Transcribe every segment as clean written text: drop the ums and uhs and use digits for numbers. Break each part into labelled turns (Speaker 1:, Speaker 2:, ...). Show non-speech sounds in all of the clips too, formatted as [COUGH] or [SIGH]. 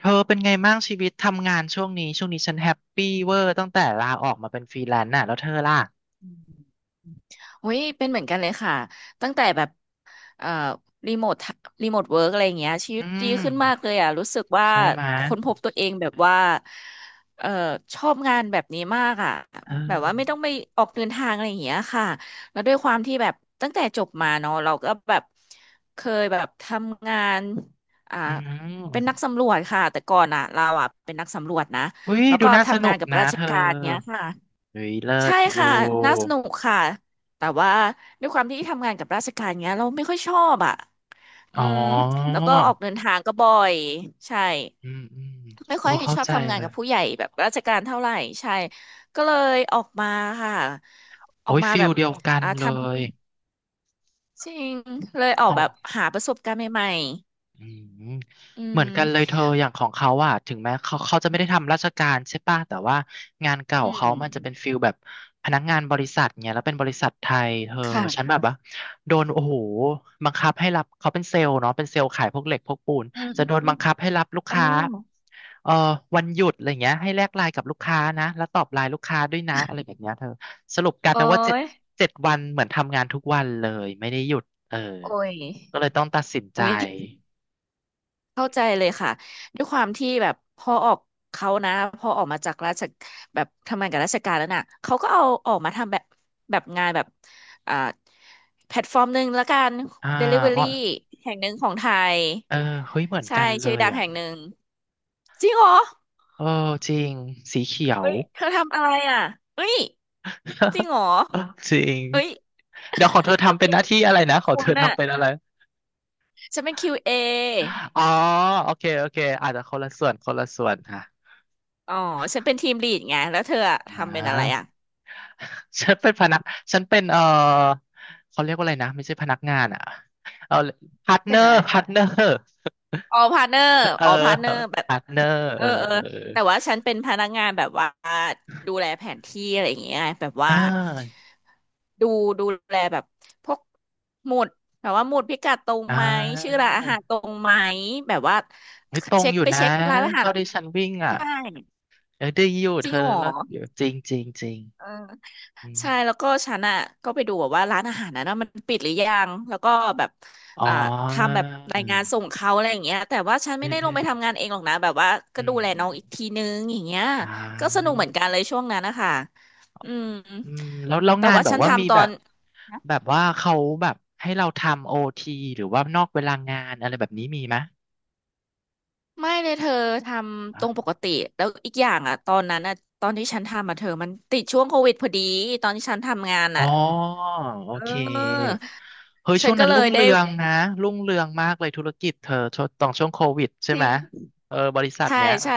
Speaker 1: เธอเป็นไงบ้างชีวิตทำงานช่วงนี้ช่วงนี้ฉันแฮปปี้เวอร์ตั้งแต่ลาออกมาเป็นฟรีแลนซ์น่ะแล้วเธอล่ะ
Speaker 2: อืมโอ้ยเป็นเหมือนกันเลยค่ะตั้งแต่แบบเอ่อรีโมทรีโมทเวิร์กอะไรอย่างเงี้ยชีวิ
Speaker 1: อื
Speaker 2: ตดี
Speaker 1: ม
Speaker 2: ขึ้นมากเลยอ่ะรู้สึกว่า
Speaker 1: ใช่ไหมย
Speaker 2: ค้นพบตัวเองแบบว่าเอ่อชอบงานแบบนี้มากอ่ะ
Speaker 1: เออ
Speaker 2: แบบว่าไม่ต้องไปออกเดินทางอะไรอย่างเงี้ยค่ะแล้วด้วยความที่แบบตั้งแต่จบมาเนาะเราก็แบบเคยแบบทำงานอ่า
Speaker 1: อื
Speaker 2: เป็นนัก
Speaker 1: ม
Speaker 2: สำรวจค่ะแต่ก่อนอ่ะเราอ่ะเป็นนักสำรวจนะ
Speaker 1: อุ้ย
Speaker 2: แล้ว
Speaker 1: ดู
Speaker 2: ก็
Speaker 1: น่าส
Speaker 2: ทำ
Speaker 1: นุ
Speaker 2: งาน
Speaker 1: ก
Speaker 2: กับ
Speaker 1: นะ
Speaker 2: ราช
Speaker 1: เธอ
Speaker 2: การเนี้ยค่ะ
Speaker 1: อุ้ยเลิ
Speaker 2: ใช่
Speaker 1: ศอยู่
Speaker 2: ค่ะน่าสนุกค่ะแต่ว่าด้วยความที่ทำงานกับราชการเงี้ยเราไม่ค่อยชอบอ่ะอื
Speaker 1: อ๋อ
Speaker 2: มแล้วก็ออกเดินทางก็บ่อยใช่
Speaker 1: อืมอืม
Speaker 2: ไม่
Speaker 1: โอ้
Speaker 2: ค่อย
Speaker 1: เข้า
Speaker 2: ชอบ
Speaker 1: ใจ
Speaker 2: ทำงา
Speaker 1: เล
Speaker 2: น
Speaker 1: ย
Speaker 2: กับผู้ใหญ่แบบราชการเท่าไหร่ใช่ก็เลยออกมาค่ะอ
Speaker 1: โอ้
Speaker 2: อก
Speaker 1: ย
Speaker 2: มา
Speaker 1: ฟิ
Speaker 2: แบ
Speaker 1: ล
Speaker 2: บ
Speaker 1: เดียวกัน
Speaker 2: ท
Speaker 1: เลย
Speaker 2: ำจริงเลยออ
Speaker 1: ขอ
Speaker 2: กแบบ
Speaker 1: ง
Speaker 2: หาประสบการณ์ใหม่
Speaker 1: อืม
Speaker 2: ๆอื
Speaker 1: เหมือน
Speaker 2: ม
Speaker 1: กันเลยเธออย่างของเขาอ่ะถึงแม้เขาจะไม่ได้ทำราชการใช่ป่ะแต่ว่างานเก่า
Speaker 2: อื
Speaker 1: เขามันจะเป็น
Speaker 2: ม
Speaker 1: ฟิลแบบพนักงานบริษัทเนี่ยแล้วเป็นบริษัทไทยเธอฉัน
Speaker 2: ค่ะ
Speaker 1: แบบว่าโดนโอ้โหบังคับให้รับเขาเป็นเซลล์เนาะเป็นเซลล์ขายพวกเหล็กพวกปูน
Speaker 2: อืม
Speaker 1: จะโดน
Speaker 2: อื
Speaker 1: บั
Speaker 2: ม
Speaker 1: ง
Speaker 2: อ
Speaker 1: คับให้รับลู
Speaker 2: ม
Speaker 1: ก
Speaker 2: อ๋อ
Speaker 1: ค้าเอ่อวันหยุดอะไรเงี้ยให้แลกไลน์กับลูกค้านะแล้วตอบไลน์ลูกค้าด้วยนะอะไรแบบเนี้ยเธอสรุปกลาย
Speaker 2: โอ้
Speaker 1: เป็นว่าเจ็ด
Speaker 2: ย
Speaker 1: เจ็ดวันเหมือนทำงานทุกวันเลยไม่ได้หยุดเออ
Speaker 2: โอ้ย
Speaker 1: ก็เลยต้องตัดสินใจ
Speaker 2: โอ้ย เข้าใจเลยค่ะด้วยความที่แบบพอออกเขานะพอออกมาจากราชแบบทำงานกับราชการแล้วน่ะเขาก็เอาออกมาทำแบบแบบงานแบบอ่าแพลตฟอร์มหนึ่งแล้วกัน
Speaker 1: อ่าอ๋อ
Speaker 2: Delivery แห่งหนึ่งของไทย
Speaker 1: เออเฮ้ยเหมือน
Speaker 2: ใช่
Speaker 1: กันเล
Speaker 2: ชื่อ
Speaker 1: ย
Speaker 2: ดัง
Speaker 1: อ่ะ
Speaker 2: แห่งหนึ่งจริงเหรอ
Speaker 1: เออจริงสีเขียว
Speaker 2: เอ้ยเธอทำอะไรอ่ะเอ้ยจริงเหรอ
Speaker 1: [LAUGHS] จริง
Speaker 2: เอ้ย
Speaker 1: เดี๋ยวของเธอทำเป็นหน้าที่อะไรนะของ
Speaker 2: คุ
Speaker 1: เธอ
Speaker 2: ณอ่ะ
Speaker 1: ทำเป็นอะไร
Speaker 2: ฉันเป็น QA
Speaker 1: อ๋อโอเคโอเคอาจจะคนละส่วนคนละส่วนค่ะ
Speaker 2: ออ๋อฉันเป็นทีมลีดไงแล้วเธออะ
Speaker 1: อ่
Speaker 2: ทำเป็นอะไร
Speaker 1: า
Speaker 2: อ่ะ
Speaker 1: ฉันเป็นพนักฉันเป็นเขาเรียกว่าอะไรนะไม่ใช่พนักงานอ่ะเอาพาร์ทเน
Speaker 2: เป็
Speaker 1: อ
Speaker 2: นอะ
Speaker 1: ร์
Speaker 2: ไร
Speaker 1: พาร์ทเนอร์
Speaker 2: ออพาร์เนอร์
Speaker 1: เออ
Speaker 2: ออพาร์เนอร์แบบ
Speaker 1: พาร์ทเนอร์
Speaker 2: เอ
Speaker 1: เอ
Speaker 2: อ
Speaker 1: อ
Speaker 2: เออ
Speaker 1: เออ
Speaker 2: แต่ว่าฉันเป็นพนักงานแบบว่าดูแลแผนที่อะไรอย่างเงี้ยแบบ
Speaker 1: เอออ่
Speaker 2: ว่า
Speaker 1: า
Speaker 2: ดูดูแลแบบพวกหมุดแบบว่าหมุดพิกัดตรง
Speaker 1: อ่
Speaker 2: ไหมชื่อ
Speaker 1: า
Speaker 2: ร้านอาหารตรงไหมแบบว่า
Speaker 1: ไม่ตรง
Speaker 2: เช็ค
Speaker 1: อยู่
Speaker 2: ไป
Speaker 1: นะ
Speaker 2: เช็คร้านอาหาร
Speaker 1: เท่าที่ฉันวิ่งอ่ะ
Speaker 2: ใช่
Speaker 1: เออได้อยู่
Speaker 2: จ
Speaker 1: เธ
Speaker 2: ริง
Speaker 1: อ
Speaker 2: เหรอ
Speaker 1: แล้วอยู่จริงจริงจริง
Speaker 2: เออ
Speaker 1: อืม
Speaker 2: ใช่แล้วก็ฉันอ่ะก็ไปดูแบบว่าร้านอาหารนั้นว่ามันปิดหรือยังแล้วก็แบบ
Speaker 1: อ๋อ
Speaker 2: อ่าทำแบบรายงานส่งเขาอะไรอย่างเงี้ยแต่ว่าฉัน
Speaker 1: เอ
Speaker 2: ไม่
Speaker 1: อ
Speaker 2: ได้
Speaker 1: เอ
Speaker 2: ลง
Speaker 1: อ
Speaker 2: ไปทำงานเองหรอกนะแบบว่าก็
Speaker 1: อื
Speaker 2: ดู
Speaker 1: ม
Speaker 2: แล
Speaker 1: อื
Speaker 2: น้อ
Speaker 1: ม
Speaker 2: งอีกทีนึงอย่างเงี้ย
Speaker 1: อ่
Speaker 2: ก็ส
Speaker 1: า
Speaker 2: นุกเหมือนกันเลยช่วงนั้นนะคะอืม
Speaker 1: อืมแล้ว
Speaker 2: แต่
Speaker 1: งาน
Speaker 2: ว่า
Speaker 1: แบบ
Speaker 2: ฉัน
Speaker 1: ว่ามี
Speaker 2: ทำต
Speaker 1: แบ
Speaker 2: อ
Speaker 1: บ
Speaker 2: น
Speaker 1: แบบว่าเขาแบบให้เราทำโอทีหรือว่านอกเวลางานอะไรแบบนี้มีไหม
Speaker 2: ไม่เลยเธอทำตรงป
Speaker 1: อะ
Speaker 2: กติแล้วอีกอย่างอ่ะตอนนั้นอ่ะตอนที่ฉันทำอ่ะเธอมันติดช่วงโควิดพอดีตอนที่ฉันทำงาน
Speaker 1: อ๋
Speaker 2: อ่ะ
Speaker 1: อโอ
Speaker 2: เอ
Speaker 1: เค
Speaker 2: อ
Speaker 1: เฮ้ย
Speaker 2: ฉั
Speaker 1: ช่ว
Speaker 2: น
Speaker 1: ง
Speaker 2: ก็
Speaker 1: นั้น
Speaker 2: เล
Speaker 1: รุ่ง
Speaker 2: ย
Speaker 1: เรื
Speaker 2: ได้
Speaker 1: องนะรุ่งเรืองมากเลยธุรกิจเธอช่วงตอนช่วงโควิดใช่
Speaker 2: จ
Speaker 1: ไห
Speaker 2: ริ
Speaker 1: ม
Speaker 2: ง
Speaker 1: เออบริษัท
Speaker 2: ใช่
Speaker 1: เนี้ย
Speaker 2: ใช่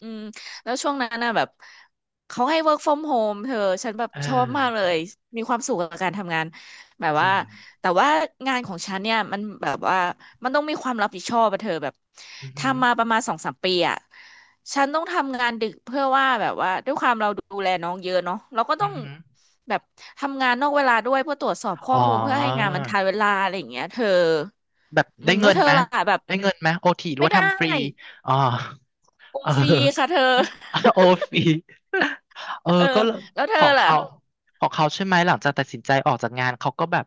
Speaker 2: อืมแล้วช่วงนั้นน่ะแบบเขาให้ work from home เธอฉันแบบ
Speaker 1: เอ
Speaker 2: ชอบมากเล
Speaker 1: อ
Speaker 2: ยมีความสุขกับการทำงานแบบ
Speaker 1: จ
Speaker 2: ว่า
Speaker 1: ริง
Speaker 2: แต่ว่างานของฉันเนี่ยมันแบบว่ามันต้องมีความรับผิดชอบอะเธอแบบ
Speaker 1: อือหือ
Speaker 2: ทำมาประมาณสองสามปีอะฉันต้องทำงานดึกเพื่อว่าแบบว่าด้วยความเราดูแลน้องเยอะเนาะเราก็
Speaker 1: อื
Speaker 2: ต้อ
Speaker 1: อ
Speaker 2: ง
Speaker 1: หือ
Speaker 2: แบบทำงานนอกเวลาด้วยเพื่อตรวจสอบข้อ
Speaker 1: อ๋อ
Speaker 2: มูลเพื่อให้งานมันทันเวลาอะไรอย่างเงี้ยเธอ
Speaker 1: แบบ
Speaker 2: อื
Speaker 1: ได้
Speaker 2: มแล้
Speaker 1: เงิ
Speaker 2: ว
Speaker 1: น
Speaker 2: เธอ
Speaker 1: ไหม
Speaker 2: ล่ะแบบ
Speaker 1: ได้เงินไหมโอทีหรือ
Speaker 2: ไม่
Speaker 1: ว่า
Speaker 2: ได้
Speaker 1: ทำฟรีอ๋อ
Speaker 2: โอ
Speaker 1: เออ
Speaker 2: ฟรีค่ะเธอ
Speaker 1: [LAUGHS] โอฟรี [LAUGHS] เออ
Speaker 2: เออ
Speaker 1: ก็เลย
Speaker 2: แล้วเธ
Speaker 1: ข
Speaker 2: อ
Speaker 1: อง
Speaker 2: ล่ะ
Speaker 1: เขาของเขาใช่ไหมหลังจากตัดสินใจออกจากงานเขาก็แบบ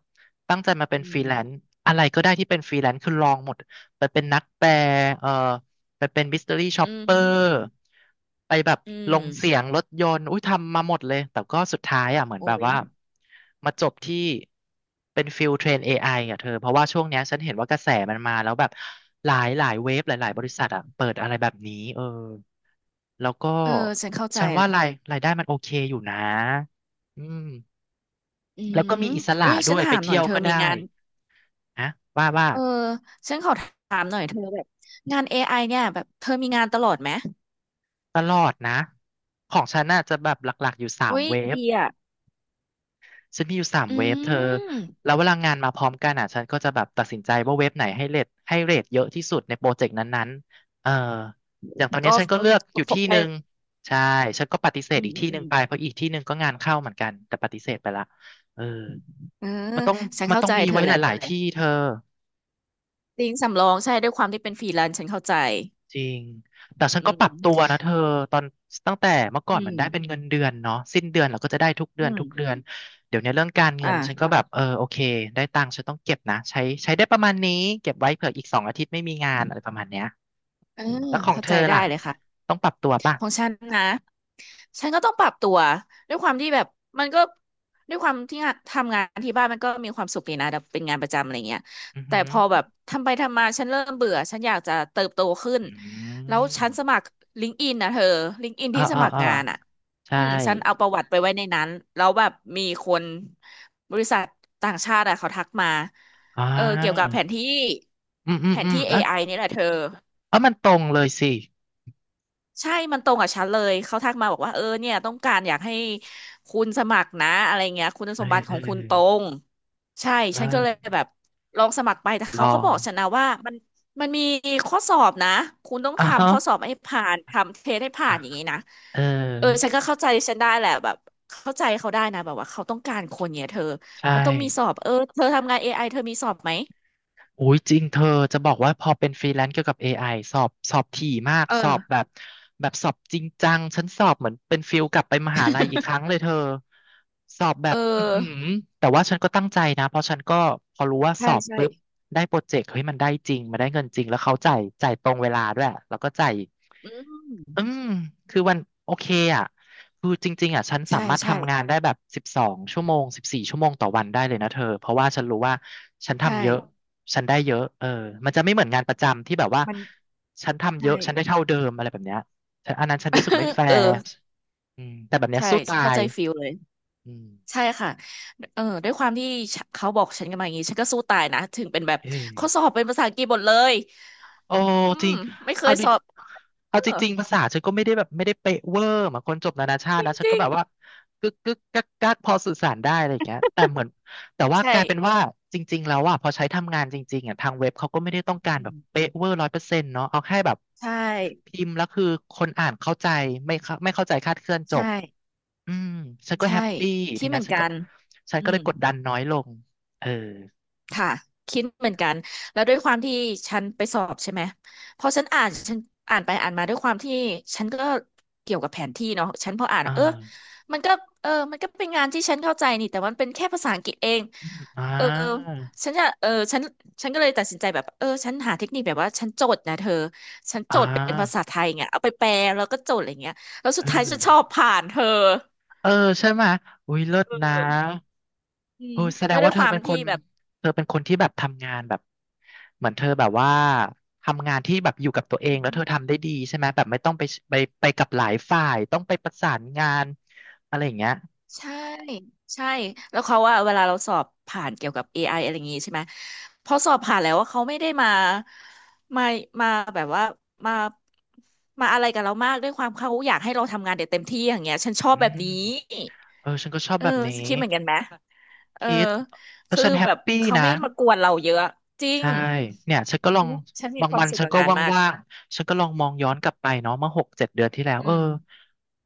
Speaker 1: ตั้งใจมาเป็น
Speaker 2: อื
Speaker 1: ฟรีแลนซ์
Speaker 2: ม
Speaker 1: อะไรก็ได้ที่เป็นฟรีแลนซ์คือลองหมดไปเป็นนักแปลเออ ไปเป็นมิส t ต r y ี่ช็อป
Speaker 2: อื
Speaker 1: เป
Speaker 2: ม
Speaker 1: อร์ไปแบบ
Speaker 2: อื
Speaker 1: ล
Speaker 2: ม
Speaker 1: งเสียงรถยนต์อุ้ยทำมาหมดเลย แต่ก็สุดท้ายอ่ะเหมือนแบ
Speaker 2: โอ้
Speaker 1: บ
Speaker 2: ย
Speaker 1: ว่ามาจบที่เป็นฟิลเทรน AI อไออ่ะเธอเพราะว่าช่วงเนี้ยฉันเห็นว่ากระแสมันมาแล้วแบบหลายเว็บหลายบริษัทอ่ะเปิดอะไรแบบนี้เออแล้วก็
Speaker 2: เออฉันเข้าใจ
Speaker 1: ฉัน
Speaker 2: แห
Speaker 1: ว่า
Speaker 2: ละ
Speaker 1: รายได้มันโอเคอยู่นะอืม
Speaker 2: อื
Speaker 1: แล้วก็
Speaker 2: ม
Speaker 1: มีอิส
Speaker 2: อุ้
Speaker 1: ระ
Speaker 2: ยฉั
Speaker 1: ด้
Speaker 2: น
Speaker 1: วย
Speaker 2: ถา
Speaker 1: ไป
Speaker 2: มหน่อ
Speaker 1: เที่
Speaker 2: ย
Speaker 1: ยว
Speaker 2: เธอ
Speaker 1: ก็
Speaker 2: มี
Speaker 1: ได้
Speaker 2: งาน
Speaker 1: นะว่า
Speaker 2: เออฉันขอถามหน่อยเธอแบบงาน AI เนี่ยแบบเธอมีงานตลอดไหม
Speaker 1: ตลอดนะของฉันน่ะจะแบบหลักๆอยู่สา
Speaker 2: อุ้
Speaker 1: ม
Speaker 2: ย
Speaker 1: เวฟ
Speaker 2: ดีอ่ะ
Speaker 1: ฉันมีอยู่สาม
Speaker 2: อื
Speaker 1: เว็บเธอ
Speaker 2: ม
Speaker 1: แล้วเวลางานมาพร้อมกันอ่ะฉันก็จะแบบตัดสินใจว่าเว็บไหนให้เรทเยอะที่สุดในโปรเจกต์นั้นๆเอออย่างตอนนี้
Speaker 2: ก็
Speaker 1: ฉันก็เลือกอยู่
Speaker 2: ฝ
Speaker 1: ที่
Speaker 2: ไป
Speaker 1: หนึ่งใช่ฉันก็ปฏิเสธ
Speaker 2: อืม
Speaker 1: อีก
Speaker 2: อืม
Speaker 1: ที่ห
Speaker 2: อื
Speaker 1: นึ่ง
Speaker 2: ม
Speaker 1: ไปเพราะอีกที่หนึ่งก็งานเข้าเหมือนกันแต่ปฏิเสธไปละเออ
Speaker 2: เออ
Speaker 1: มันต้อง
Speaker 2: ฉัน
Speaker 1: มัน
Speaker 2: เข้า
Speaker 1: ต้อง
Speaker 2: ใจ
Speaker 1: มี
Speaker 2: เธอ
Speaker 1: ไว้
Speaker 2: แห
Speaker 1: ห
Speaker 2: ละ
Speaker 1: ลายๆที่เธอ
Speaker 2: จริงสำรองใช่ด้วยความที่เป็นฟรีแลนซ์ฉันเข้าใจ
Speaker 1: จริงแต่ฉัน
Speaker 2: อื
Speaker 1: ก็ป
Speaker 2: ม
Speaker 1: รับตัวนะเธอตอนตั้งแต่เมื่อก่อ
Speaker 2: อื
Speaker 1: นมั
Speaker 2: ม
Speaker 1: นได้เป็นเงินเดือนเนาะสิ้นเดือนเราก็จะได้ทุกเดื
Speaker 2: อื
Speaker 1: อนทุ
Speaker 2: ม
Speaker 1: กเดือนเดี๋ยวเนี้ยเรื่องการเงินฉันก็
Speaker 2: อ่า
Speaker 1: แบบเออโอเคได้ตังค์ฉันต้องเก็บนะใช้ได้ประมาณนี้เก็บไว้เผื่ออีก2 อาทิตย์ไม่มีงานอะไรประมาณเนี้ย
Speaker 2: เออ
Speaker 1: อืมแล้วของ
Speaker 2: เข้า
Speaker 1: เธ
Speaker 2: ใจ
Speaker 1: อ
Speaker 2: ได้
Speaker 1: ล่ะ
Speaker 2: เลยค่ะ
Speaker 1: ต้องปรับตัวป่ะ
Speaker 2: ของฉันนะ ฉันก็ต้องปรับตัวด้วยความที่แบบมันก็ด้วยความที่งานทำงานที่บ้านมันก็มีความสุขดีนะแบบเป็นงานประจำอะไรเงี้ย
Speaker 1: อือ
Speaker 2: แต่
Speaker 1: หือ
Speaker 2: พอแบบทำไปทำมาฉันเริ่มเบื่อฉันอยากจะเติบโตขึ้น
Speaker 1: อื
Speaker 2: แล้วฉัน
Speaker 1: ม
Speaker 2: สมัครลิงก์อินนะเธอลิงก์อิน
Speaker 1: เออ
Speaker 2: ที่ส
Speaker 1: เออ
Speaker 2: มัคร
Speaker 1: เออ
Speaker 2: งานอ่ะ
Speaker 1: ใช่
Speaker 2: อืมฉันเอาประวัติไปไว้ในนั้นแล้วแบบมีคนบริษัทต่างชาติอะเขาทักมา
Speaker 1: อ่
Speaker 2: เออเกี่ยวกับ
Speaker 1: า
Speaker 2: แผนที่
Speaker 1: อืมอื
Speaker 2: แผ
Speaker 1: ม
Speaker 2: น
Speaker 1: อืม
Speaker 2: ที่
Speaker 1: อ่ะ
Speaker 2: AI นี่แหละเธอ
Speaker 1: เออมันตรงเลยสิ
Speaker 2: ใช่มันตรงกับฉันเลย เขาทักมาบอกว่าเออเนี่ยต้องการอยากให้คุณสมัครนะอะไรเงี้ยคุณ
Speaker 1: เอ
Speaker 2: ส
Speaker 1: อ
Speaker 2: มบัติข
Speaker 1: เอ
Speaker 2: อ
Speaker 1: อ
Speaker 2: งคุณตรงใช่
Speaker 1: เอ
Speaker 2: ฉันก็เลย
Speaker 1: อ
Speaker 2: แบบลองสมัครไปแต่
Speaker 1: ลอ
Speaker 2: เขาก็บอก
Speaker 1: ง
Speaker 2: ฉันนะว่ามันมีข้อสอบนะคุณต้อง
Speaker 1: อ่ะฮะ
Speaker 2: ทำข้อสอบให้ผ่านทำเทสให้ผ่า
Speaker 1: อ่ะ
Speaker 2: นอย่างนี้นะ
Speaker 1: เออ
Speaker 2: เออฉันก็เข้าใจฉันได้แหละแบบเข้าใจเขาได้นะแบบว่าเขาต้องการคนเนี่ยเธอ
Speaker 1: ใช่
Speaker 2: มันต้องมีสอบเออเธอทำงาน AI เธอมีสอบไหม
Speaker 1: อุ้ยจริงเธอจะบอกว่าพอเป็นฟรีแลนซ์เกี่ยวกับ AI สอบถี่มาก
Speaker 2: เอ
Speaker 1: สอ
Speaker 2: อ
Speaker 1: บแบบแบบสอบจริงจังฉันสอบเหมือนเป็นฟิลกลับไปมหาลัยอีกครั้ง
Speaker 2: [LAUGHS]
Speaker 1: เลยเธอสอบแบ
Speaker 2: เอ
Speaker 1: บอือหื
Speaker 2: อ
Speaker 1: อแต่ว่าฉันก็ตั้งใจนะเพราะฉันก็พอรู้ว่าส
Speaker 2: ใช่
Speaker 1: อบ
Speaker 2: ใช่
Speaker 1: ปุ๊บได้โปรเจกต์เฮ้ยมันได้จริงมันได้เงินจริงแล้วเขาจ่ายตรงเวลาด้วยแล้วก็จ่าย
Speaker 2: อื
Speaker 1: อื
Speaker 2: ม
Speaker 1: ม คือวันโอเคอ่ะคือจริงๆอ่ะฉันสา
Speaker 2: ใช่
Speaker 1: มารถ
Speaker 2: ใช่
Speaker 1: ทำงานได้แบบ12 ชั่วโมง14 ชั่วโมงต่อวันได้เลยนะเธอเพราะว่าฉันรู้ว่าฉัน
Speaker 2: ใช
Speaker 1: ทำเยอะ
Speaker 2: ่
Speaker 1: ฉันได้เยอะเออมันจะไม่เหมือนงานประจำที่แบบว่า
Speaker 2: มัน
Speaker 1: ฉันทำเย
Speaker 2: ใช่
Speaker 1: อะฉันได้เท่าเดิมอะไรแบบเนี้ยแต่อันนั้นฉันรู้สึกไม่แฟ
Speaker 2: [LAUGHS] เออ
Speaker 1: ร์อืมแต่แบบเนี้ย
Speaker 2: ใช่
Speaker 1: สู้ตา
Speaker 2: เข้า
Speaker 1: ย
Speaker 2: ใจฟิลเลย
Speaker 1: อืม
Speaker 2: ใช่ค่ะเออด้วยความที่ฉะเขาบอกฉันกันมาอย่างนี้ฉันก็สู้ตายนะถึงเป็นแบบ
Speaker 1: เออ
Speaker 2: ข้อสอบเป็นภาษาอังกฤษหมดเลย
Speaker 1: โอ้
Speaker 2: อื
Speaker 1: จ
Speaker 2: ม
Speaker 1: ริง
Speaker 2: ไม่เค
Speaker 1: เอา
Speaker 2: ย
Speaker 1: ดิ
Speaker 2: สอบเอ
Speaker 1: เอาจ
Speaker 2: อ
Speaker 1: ริงๆภาษาฉันก็ไม่ได้แบบไม่ได้เป๊ะเวอร์เหมือนคนจบนานาชาตินะฉั
Speaker 2: จ
Speaker 1: นก็
Speaker 2: ริง
Speaker 1: แบบว่ากึกกึกกักกักพอสื่อสารได้อะไรอย่างเงี้ยแต่เหมือนแต่
Speaker 2: ๆ
Speaker 1: ว่าก
Speaker 2: ใช่
Speaker 1: ลายเป็นว่าจริงๆแล้วอ่ะพอใช้ทำงานจริงๆอ่ะทางเว็บเขาก็ไม่ได้ต้องการ
Speaker 2: อื
Speaker 1: แบบ
Speaker 2: ม
Speaker 1: เป๊ะเวอร์100%เนาะเอาแค่แบบ
Speaker 2: ใช่
Speaker 1: พิมพ์แล้วคือคนอ่านเข้าใจไม่เข้าไม่เข้าใจคลาดเคลื่อนจ
Speaker 2: ใช่
Speaker 1: บอืมฉันก็แฮ
Speaker 2: ใช่
Speaker 1: ปปี้ที
Speaker 2: ที่เหมื
Speaker 1: นะ
Speaker 2: อน
Speaker 1: ฉัน
Speaker 2: กั
Speaker 1: ก็
Speaker 2: น
Speaker 1: ฉัน
Speaker 2: อื
Speaker 1: ก็เลย
Speaker 2: ม
Speaker 1: กดดันน้อยลงเออ
Speaker 2: ค่ะคิดเหมือนกันแล้วด้วยความที่ฉันไปสอบใช่ไหมพอฉันอ่านฉันอ่านไปอ่านมาด้วยความที่ฉันก็เกี่ยวกับแผนที่เนาะฉันพออ่าน
Speaker 1: อ่า
Speaker 2: มันก็มันก็เป็นงานที่ฉันเข้าใจนี่แต่มันเป็นแค่ภาษาอังกฤษเอง
Speaker 1: อืมอ่
Speaker 2: เออ
Speaker 1: า
Speaker 2: ฉันจะเออฉันฉันก็เลยตัดสินใจแบบฉันหาเทคนิคแบบว่าฉันโจทย์นะเธอฉันโจ
Speaker 1: อ่า
Speaker 2: ทย์เป็นภาษาไทยเงี้ยเอาไปแปลแล้วก็โจทย์อะไรเงี้ยแล้วสุ
Speaker 1: เอ
Speaker 2: ดท้าย
Speaker 1: อ
Speaker 2: ฉันชอบผ่านเธอ
Speaker 1: เออใช่ไหมยอุ้ยเลิศ
Speaker 2: เอ
Speaker 1: นะ
Speaker 2: ออื
Speaker 1: โอ้
Speaker 2: ม
Speaker 1: แสด
Speaker 2: แล้
Speaker 1: ง
Speaker 2: วด้ว
Speaker 1: ว่า
Speaker 2: ย
Speaker 1: เธ
Speaker 2: ค
Speaker 1: อ
Speaker 2: วาม
Speaker 1: เป็นค
Speaker 2: ที่
Speaker 1: น
Speaker 2: แบบ
Speaker 1: เธอเป็นคนที่แบบทำงานแบบเหมือนเธอแบบว่าทำงานที่แบบอยู่กับตัวเองแล้วเธอทำได้ดีใช่ไหมยแบบไม่ต้องไปไปไปกับหลายฝ่ายต้องไปประสานงานอะไรอย่างเงี้ย
Speaker 2: ใช่ใช่แล้วเขาว่าเวลาเราสอบผ่านเกี่ยวกับ AI อะไรอย่างงี้ใช่ไหมพอสอบผ่านแล้วว่าเขาไม่ได้มามาแบบว่ามามาอะไรกับเรามากด้วยความเขาอยากให้เราทำงานเด็ดเต็มที่อย่างเงี้ยฉันชอบ
Speaker 1: อื
Speaker 2: แบบนี้
Speaker 1: มเออฉันก็ชอบ
Speaker 2: เออ
Speaker 1: แบบนี้
Speaker 2: คิดเหมือนกันไหมเออ
Speaker 1: คิดแล้ว
Speaker 2: คือ
Speaker 1: ฉันแฮ
Speaker 2: แบ
Speaker 1: ป
Speaker 2: บ
Speaker 1: ปี้
Speaker 2: เขา
Speaker 1: นะ
Speaker 2: ไม่มากวนเราเยอะจริง
Speaker 1: ใช่เนี่ยฉันก็ลอง
Speaker 2: ฉันมี
Speaker 1: บาง
Speaker 2: ควา
Speaker 1: วั
Speaker 2: ม
Speaker 1: น
Speaker 2: สุข
Speaker 1: ฉัน
Speaker 2: กับ
Speaker 1: ก็
Speaker 2: งานมาก
Speaker 1: ว่างๆฉันก็ลองมองย้อนกลับไปเนาะเมื่อ6-7 เดือนที่แล้วเอ
Speaker 2: อื
Speaker 1: อ
Speaker 2: ม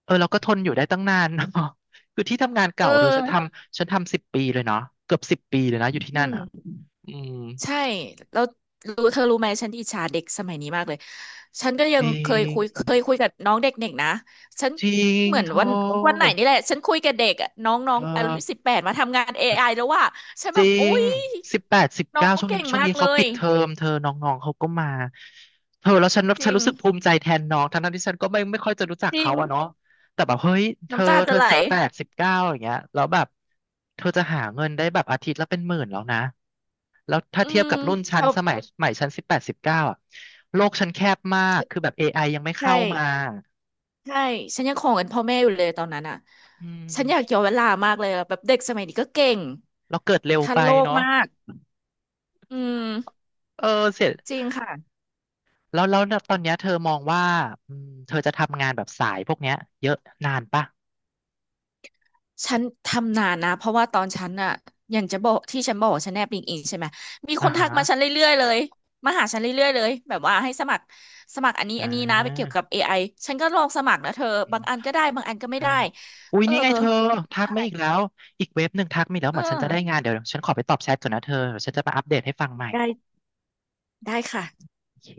Speaker 1: เออเราก็ทนอยู่ได้ตั้งนาน [LAUGHS] เนาะ [LAUGHS] คือที่ทำงาน
Speaker 2: เอ
Speaker 1: เก่าเธอฉันท
Speaker 2: อ
Speaker 1: ำฉันทำสิบปีเลยเนาะเกือบสิบปีเลยนะอยู่ที่นั่
Speaker 2: อื
Speaker 1: นอ่ะ
Speaker 2: ม
Speaker 1: อืม
Speaker 2: ใช่แล้วรู้เธอรู้ไหมฉันอิจฉาเด็กสมัยนี้มากเลยฉันก็ยั
Speaker 1: จ
Speaker 2: ง
Speaker 1: ริ
Speaker 2: เคยคุยเคย
Speaker 1: ง
Speaker 2: คุยกับน้องเด็กๆนะฉัน
Speaker 1: จริง
Speaker 2: เหมือน
Speaker 1: โท
Speaker 2: วันไหนนี่แหละฉันคุยกับเด็กอะน้องน้อ
Speaker 1: เอ
Speaker 2: ง
Speaker 1: อ
Speaker 2: อายุ18มาทำงาน AI แล้วว่าฉัน
Speaker 1: จ
Speaker 2: แบ
Speaker 1: ริ
Speaker 2: บโอ๊
Speaker 1: ง
Speaker 2: ย
Speaker 1: สิบแปดสิบ
Speaker 2: น้อ
Speaker 1: เก้า
Speaker 2: ง
Speaker 1: ช่วงนี้
Speaker 2: เก่ง
Speaker 1: ช่วง
Speaker 2: มาก
Speaker 1: นี้
Speaker 2: เล
Speaker 1: เขาปิ
Speaker 2: ย
Speaker 1: ดเทอมเธอน้องๆเขาก็มาเธอแล้วฉัน
Speaker 2: จ
Speaker 1: ฉัน
Speaker 2: ริง
Speaker 1: รู้สึกภูมิใจแทนน้องทั้งๆที่ฉันก็ไม่ค่อยจะรู้จัก
Speaker 2: จริ
Speaker 1: เขา
Speaker 2: ง
Speaker 1: อะเนาะแต่แบบเฮ้ยเธอ
Speaker 2: น้ำตา
Speaker 1: เธ
Speaker 2: จะ
Speaker 1: อ
Speaker 2: ไหล
Speaker 1: สิบแปดสิบเก้าอย่างเงี้ยแล้วแบบเธอจะหาเงินได้แบบอาทิตย์ละเป็นหมื่นแล้วนะแล้วถ้า
Speaker 2: อื
Speaker 1: เทียบ
Speaker 2: ม
Speaker 1: กับรุ่นฉัน
Speaker 2: เอา
Speaker 1: สมัยฉันสิบแปดสิบเก้าอะโลกฉันแคบมากคือแบบ AI ยังไม่
Speaker 2: ใช่
Speaker 1: เข้ามา
Speaker 2: ใช่ฉันยังของเงินพ่อแม่อยู่เลยตอนนั้นอ่ะ
Speaker 1: อื
Speaker 2: ฉันอยาก
Speaker 1: ม
Speaker 2: ย้อนเวลามากเลยอะแบบเด็กสมัยนี้ก็เก่ง
Speaker 1: เราเกิดเร็ว
Speaker 2: ทัน
Speaker 1: ไป
Speaker 2: โลก
Speaker 1: เนาะ
Speaker 2: มากอืม
Speaker 1: เออเสีย
Speaker 2: จริงค่ะ
Speaker 1: แล้วแล้วตอนเนี้ยเธอมองว่าอืมเธอจะทำงานแบบสายพวกเนี้ยเยอะนานปะ
Speaker 2: ฉันทำนานนะเพราะว่าตอนฉันอะอย่างจะบอกที่ฉันบอกว่าฉันแนบลิงก์อินใช่ไหมมีค
Speaker 1: อ่า
Speaker 2: นทั
Speaker 1: ฮะ
Speaker 2: กมาฉันเรื่อยๆเลยมาหาฉันเรื่อยๆเลยแบบว่าให้สมัครอันนี้
Speaker 1: อ่
Speaker 2: อันนี้นะไปเกี่ยว
Speaker 1: า
Speaker 2: กับ AI ฉันก็ลองสมัครนะเธอ
Speaker 1: อื
Speaker 2: บา
Speaker 1: ม
Speaker 2: งอันก็ได้บางอันก็ไม่
Speaker 1: ใช่
Speaker 2: ได้
Speaker 1: อุ้ย
Speaker 2: เออ
Speaker 1: นี่ไงเธอทัก
Speaker 2: ใช่
Speaker 1: มาอีกแล้ว อีกเว็บหนึ่งทักมาอีกแล้ว
Speaker 2: เอ
Speaker 1: เหมือนฉันจะได้
Speaker 2: อ
Speaker 1: งานเดี๋ยวฉันขอไปตอบแชทก่อนนะเธอเดี๋ยวฉันจะมาอัปเดตให้ฟังใหม่
Speaker 2: ได้ได้ค่ะ
Speaker 1: โอเค